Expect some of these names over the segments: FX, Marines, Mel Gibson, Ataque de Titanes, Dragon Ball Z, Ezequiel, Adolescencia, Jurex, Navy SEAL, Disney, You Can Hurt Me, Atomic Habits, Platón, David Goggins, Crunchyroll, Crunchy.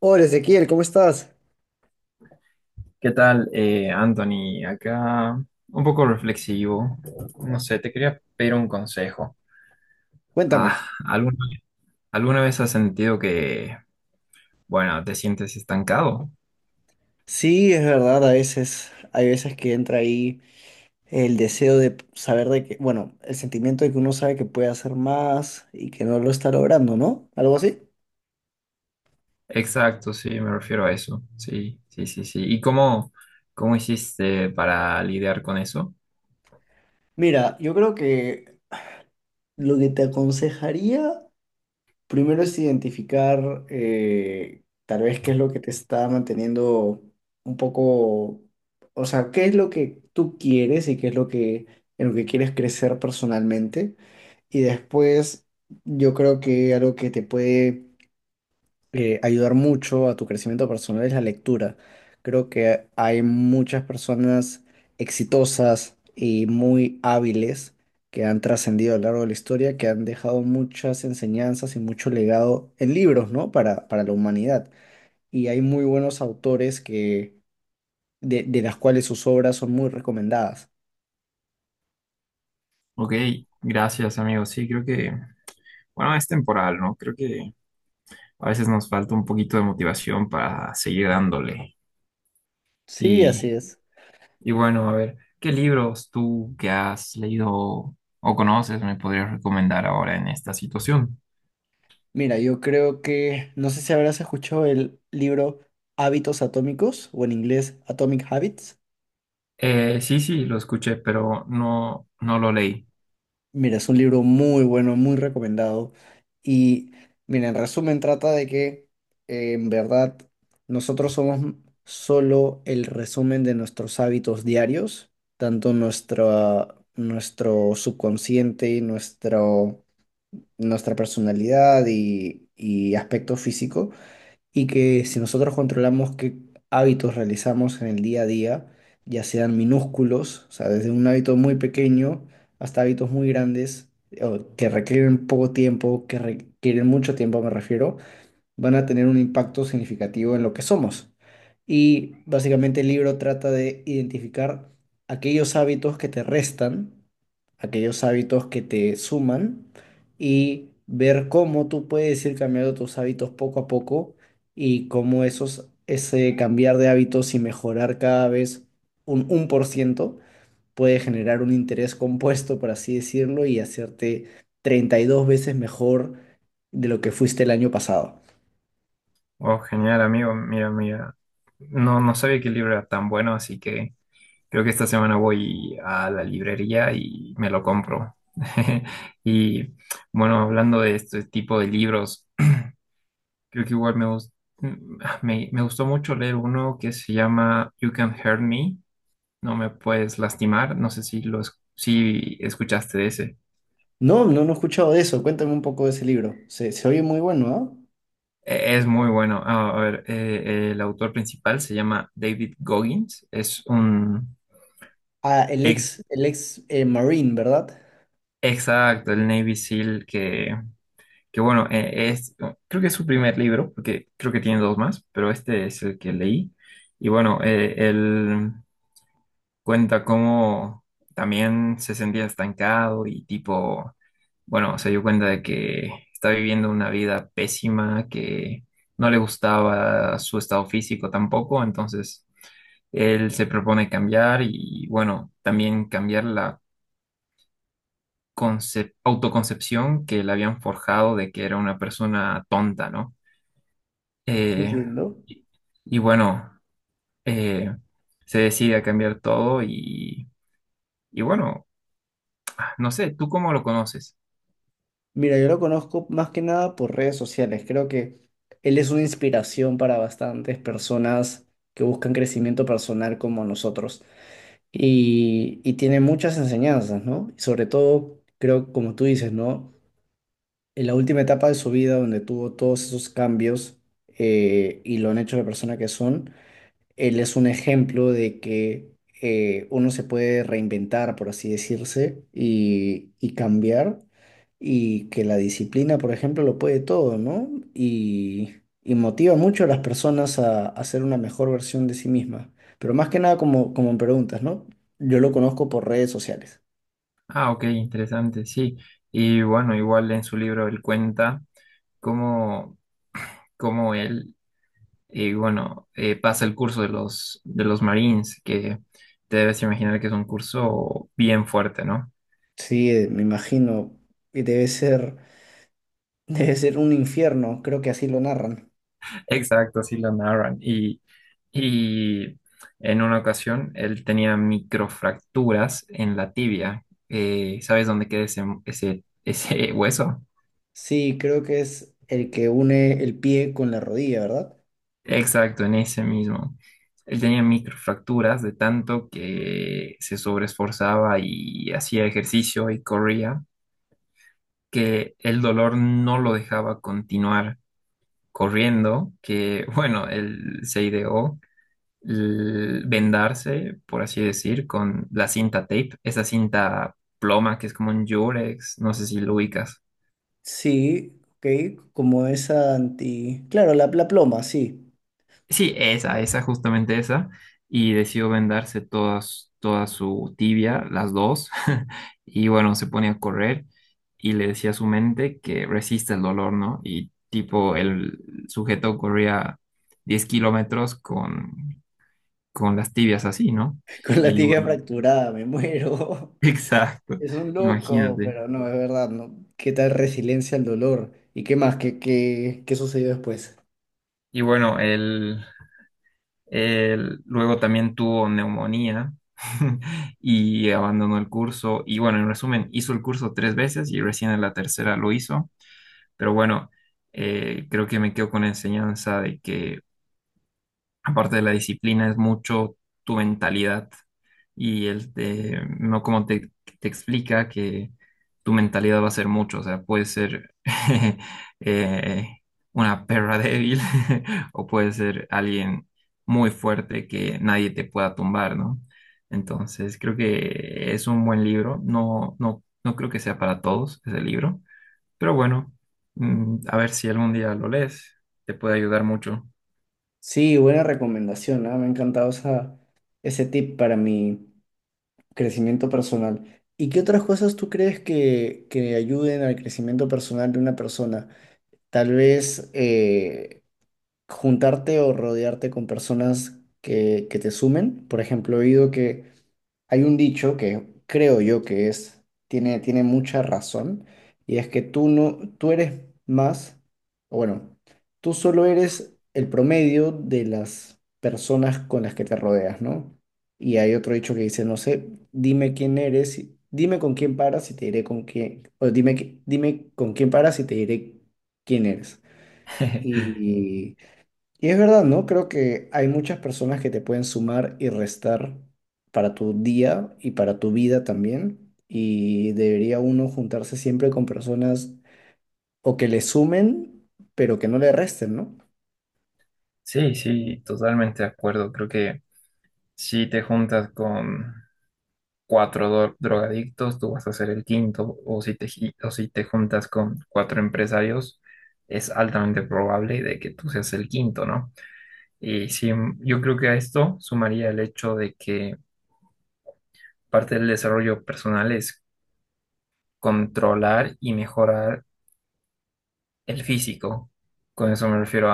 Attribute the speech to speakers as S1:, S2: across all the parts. S1: Hola Ezequiel, ¿cómo estás?
S2: ¿Qué tal, Anthony? Acá un poco reflexivo. No sé, te quería pedir un consejo. Ah,
S1: Cuéntame.
S2: ¿alguna, alguna vez has sentido que, bueno, te sientes estancado?
S1: Sí, es verdad, a veces, hay veces que entra ahí el deseo de saber de que, bueno, el sentimiento de que uno sabe que puede hacer más y que no lo está logrando, ¿no? Algo así.
S2: Exacto, sí, me refiero a eso. Sí, sí, sí, sí. ¿Y cómo hiciste para lidiar con eso?
S1: Mira, yo creo que lo que te aconsejaría primero es identificar tal vez qué es lo que te está manteniendo un poco, o sea, qué es lo que tú quieres y qué es lo que, en lo que quieres crecer personalmente. Y después, yo creo que algo que te puede ayudar mucho a tu crecimiento personal es la lectura. Creo que hay muchas personas exitosas y muy hábiles que han trascendido a lo largo de la historia, que han dejado muchas enseñanzas y mucho legado en libros, ¿no? Para la humanidad. Y hay muy buenos autores que, de las cuales sus obras son muy recomendadas.
S2: Ok, gracias, amigo. Sí, creo que, bueno, es temporal, ¿no? Creo que a veces nos falta un poquito de motivación para seguir dándole.
S1: Sí, así
S2: Y
S1: es.
S2: Y bueno, a ver, ¿qué libros tú que has leído o conoces me podrías recomendar ahora en esta situación?
S1: Mira, yo creo que, no sé si habrás escuchado el libro Hábitos Atómicos o en inglés Atomic Habits.
S2: Sí, sí, lo escuché, pero no, no lo leí.
S1: Mira, es un libro muy bueno, muy recomendado. Y mira, en resumen trata de que en verdad nosotros somos solo el resumen de nuestros hábitos diarios, tanto nuestro subconsciente, nuestra personalidad y aspecto físico. Y que si nosotros controlamos qué hábitos realizamos en el día a día, ya sean minúsculos, o sea, desde un hábito muy pequeño hasta hábitos muy grandes, o que requieren poco tiempo, que requieren mucho tiempo, me refiero, van a tener un impacto significativo en lo que somos. Y básicamente el libro trata de identificar aquellos hábitos que te restan, aquellos hábitos que te suman y ver cómo tú puedes ir cambiando tus hábitos poco a poco y cómo ese cambiar de hábitos y mejorar cada vez un por ciento puede generar un interés compuesto, por así decirlo, y hacerte 32 veces mejor de lo que fuiste el año pasado.
S2: Oh, genial, amigo. Mira, mira. No, no sabía que el libro era tan bueno, así que creo que esta semana voy a la librería y me lo compro. Y bueno, hablando de este tipo de libros, creo que igual me gustó mucho leer uno que se llama You Can Hurt Me, no me puedes lastimar. No sé si si escuchaste de ese.
S1: No, no, no he escuchado de eso. Cuéntame un poco de ese libro. Se oye muy bueno, ¿ah?
S2: Es muy bueno. Ah, a ver, el autor principal se llama David Goggins. Es un
S1: Ah,
S2: ex-
S1: el ex Marine, ¿verdad?
S2: exacto, el Navy SEAL que bueno, es creo que es su primer libro, porque creo que tiene dos más, pero este es el que leí. Y bueno, él cuenta cómo también se sentía estancado y tipo, bueno, se dio cuenta de que está viviendo una vida pésima, que no le gustaba su estado físico tampoco, entonces él se propone cambiar y bueno, también cambiar la autoconcepción que le habían forjado de que era una persona tonta, ¿no? Eh,
S1: Entiendo.
S2: y y bueno, eh, se decide a cambiar todo y bueno. No sé, ¿tú cómo lo conoces?
S1: Mira, yo lo conozco más que nada por redes sociales. Creo que él es una inspiración para bastantes personas que buscan crecimiento personal como nosotros. Y tiene muchas enseñanzas, ¿no? Y sobre todo, creo, como tú dices, ¿no? En la última etapa de su vida, donde tuvo todos esos cambios y lo han hecho la persona que son. Él es un ejemplo de que uno se puede reinventar, por así decirse, y cambiar, y que la disciplina, por ejemplo, lo puede todo, ¿no? Y, y motiva mucho a las personas a ser una mejor versión de sí mismas. Pero más que nada, como, como me preguntas, ¿no? Yo lo conozco por redes sociales.
S2: Ah, ok, interesante, sí. Y bueno, igual en su libro él cuenta cómo, cómo él, bueno, pasa el curso de los, Marines, que te debes imaginar que es un curso bien fuerte, ¿no?
S1: Sí, me imagino, y debe ser, debe ser un infierno, creo que así lo narran.
S2: Exacto, sí lo narran. Y en una ocasión él tenía microfracturas en la tibia. ¿Sabes dónde queda ese hueso?
S1: Sí, creo que es el que une el pie con la rodilla, ¿verdad?
S2: Exacto, en ese mismo. Él tenía microfracturas de tanto que se sobreesforzaba y hacía ejercicio y corría, que el dolor no lo dejaba continuar corriendo, que bueno, él se ideó vendarse, por así decir, con la cinta tape, esa cinta ploma que es como un Jurex, no sé si lo ubicas.
S1: Sí, ok, como esa anti... Claro, la ploma, sí.
S2: Sí, esa, justamente esa. Y decidió vendarse todas, toda su tibia, las dos. Y bueno, se pone a correr y le decía a su mente que resiste el dolor, ¿no? Y tipo, el sujeto corría 10 km con las tibias así, ¿no?
S1: Con la
S2: Y
S1: tibia
S2: bueno,
S1: fracturada, me muero.
S2: exacto,
S1: Es un loco,
S2: imagínate.
S1: pero no, es verdad, ¿no? ¿Qué tal resiliencia al dolor? ¿Y qué más? ¿Qué sucedió después?
S2: Y bueno, él luego también tuvo neumonía y abandonó el curso. Y bueno, en resumen, hizo el curso tres veces y recién en la tercera lo hizo. Pero bueno, creo que me quedo con la enseñanza de que aparte de la disciplina, es mucho tu mentalidad y el de, no como te explica que tu mentalidad va a ser mucho, o sea, puede ser eh, una perra débil o puede ser alguien muy fuerte que nadie te pueda tumbar, ¿no? Entonces, creo que es un buen libro, no, no, no creo que sea para todos ese libro, pero bueno, a ver si algún día lo lees, te puede ayudar mucho.
S1: Sí, buena recomendación, ¿ah? Me ha encantado esa, ese tip para mi crecimiento personal. ¿Y qué otras cosas tú crees que ayuden al crecimiento personal de una persona? Tal vez... juntarte o rodearte con personas que te sumen. Por ejemplo, he oído que hay un dicho que creo yo que es, tiene mucha razón, y es que tú no, tú eres más, o bueno, tú solo eres el promedio de las personas con las que te rodeas, ¿no? Y hay otro dicho que dice, no sé, dime con quién paras y te diré con quién, o dime con quién paras y te diré quién eres. y y es verdad, ¿no? Creo que hay muchas personas que te pueden sumar y restar para tu día y para tu vida también. Y debería uno juntarse siempre con personas o que le sumen, pero que no le resten, ¿no?
S2: Sí, sí, totalmente de acuerdo. Creo que si te juntas con cuatro drogadictos, tú vas a ser el quinto, o si o si te juntas con cuatro empresarios, es altamente probable de que tú seas el quinto, ¿no? Y sí, yo creo que a esto sumaría el hecho de que parte del desarrollo personal es controlar y mejorar el físico. Con eso me refiero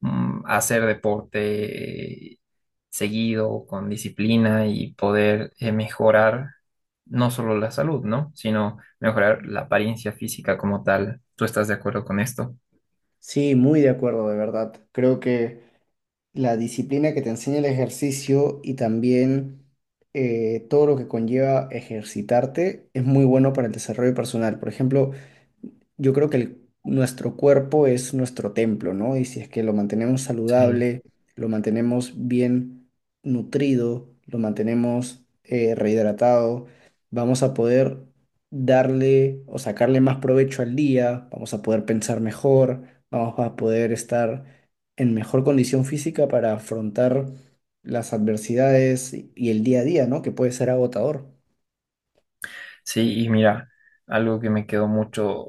S2: hacer deporte seguido, con disciplina y poder mejorar no solo la salud, ¿no? Sino mejorar la apariencia física como tal. ¿Tú estás de acuerdo con esto?
S1: Sí, muy de acuerdo, de verdad. Creo que la disciplina que te enseña el ejercicio y también todo lo que conlleva ejercitarte es muy bueno para el desarrollo personal. Por ejemplo, yo creo que nuestro cuerpo es nuestro templo, ¿no? Y si es que lo mantenemos
S2: Sí.
S1: saludable, lo mantenemos bien nutrido, lo mantenemos rehidratado, vamos a poder darle o sacarle más provecho al día, vamos a poder pensar mejor, vamos a poder estar en mejor condición física para afrontar las adversidades y el día a día, ¿no? Que puede ser agotador.
S2: Sí, y mira, algo que me quedó mucho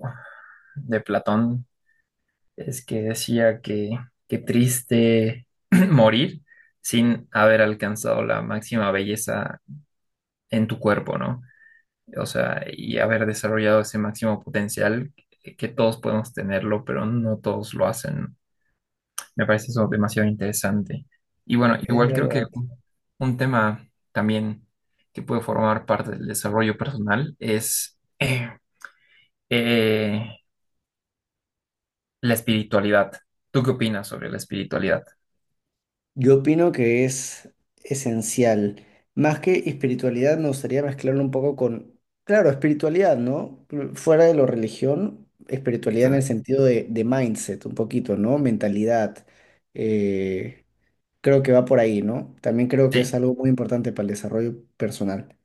S2: de Platón es que decía que qué triste morir sin haber alcanzado la máxima belleza en tu cuerpo, ¿no? O sea, y haber desarrollado ese máximo potencial que todos podemos tenerlo, pero no todos lo hacen. Me parece eso demasiado interesante. Y bueno,
S1: Es
S2: igual creo que
S1: verdad.
S2: un tema también que puede formar parte del desarrollo personal es eh, la espiritualidad. ¿Tú qué opinas sobre la espiritualidad?
S1: Yo opino que es esencial. Más que espiritualidad, me gustaría mezclarlo un poco con, claro, espiritualidad, ¿no? Fuera de lo religión, espiritualidad en el
S2: Exacto.
S1: sentido de mindset, un poquito, ¿no? Mentalidad. Eh, creo que va por ahí, ¿no? También creo que es
S2: Sí,
S1: algo muy importante para el desarrollo personal.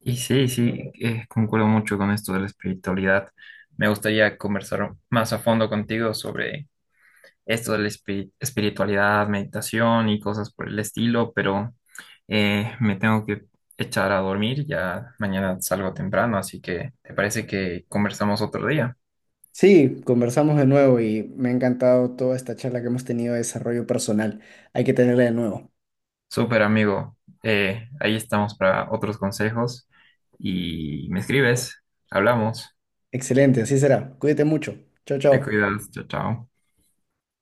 S2: y sí, sí, concuerdo mucho con esto de la espiritualidad. Me gustaría conversar más a fondo contigo sobre esto de la espiritualidad, meditación y cosas por el estilo, pero me tengo que echar a dormir, ya mañana salgo temprano, así que ¿te parece que conversamos otro día?
S1: Sí, conversamos de nuevo y me ha encantado toda esta charla que hemos tenido de desarrollo personal. Hay que tenerla de nuevo.
S2: Súper amigo, ahí estamos para otros consejos y me escribes, hablamos,
S1: Excelente, así será. Cuídate mucho. Chao,
S2: te
S1: chao.
S2: cuidas, chao, chao.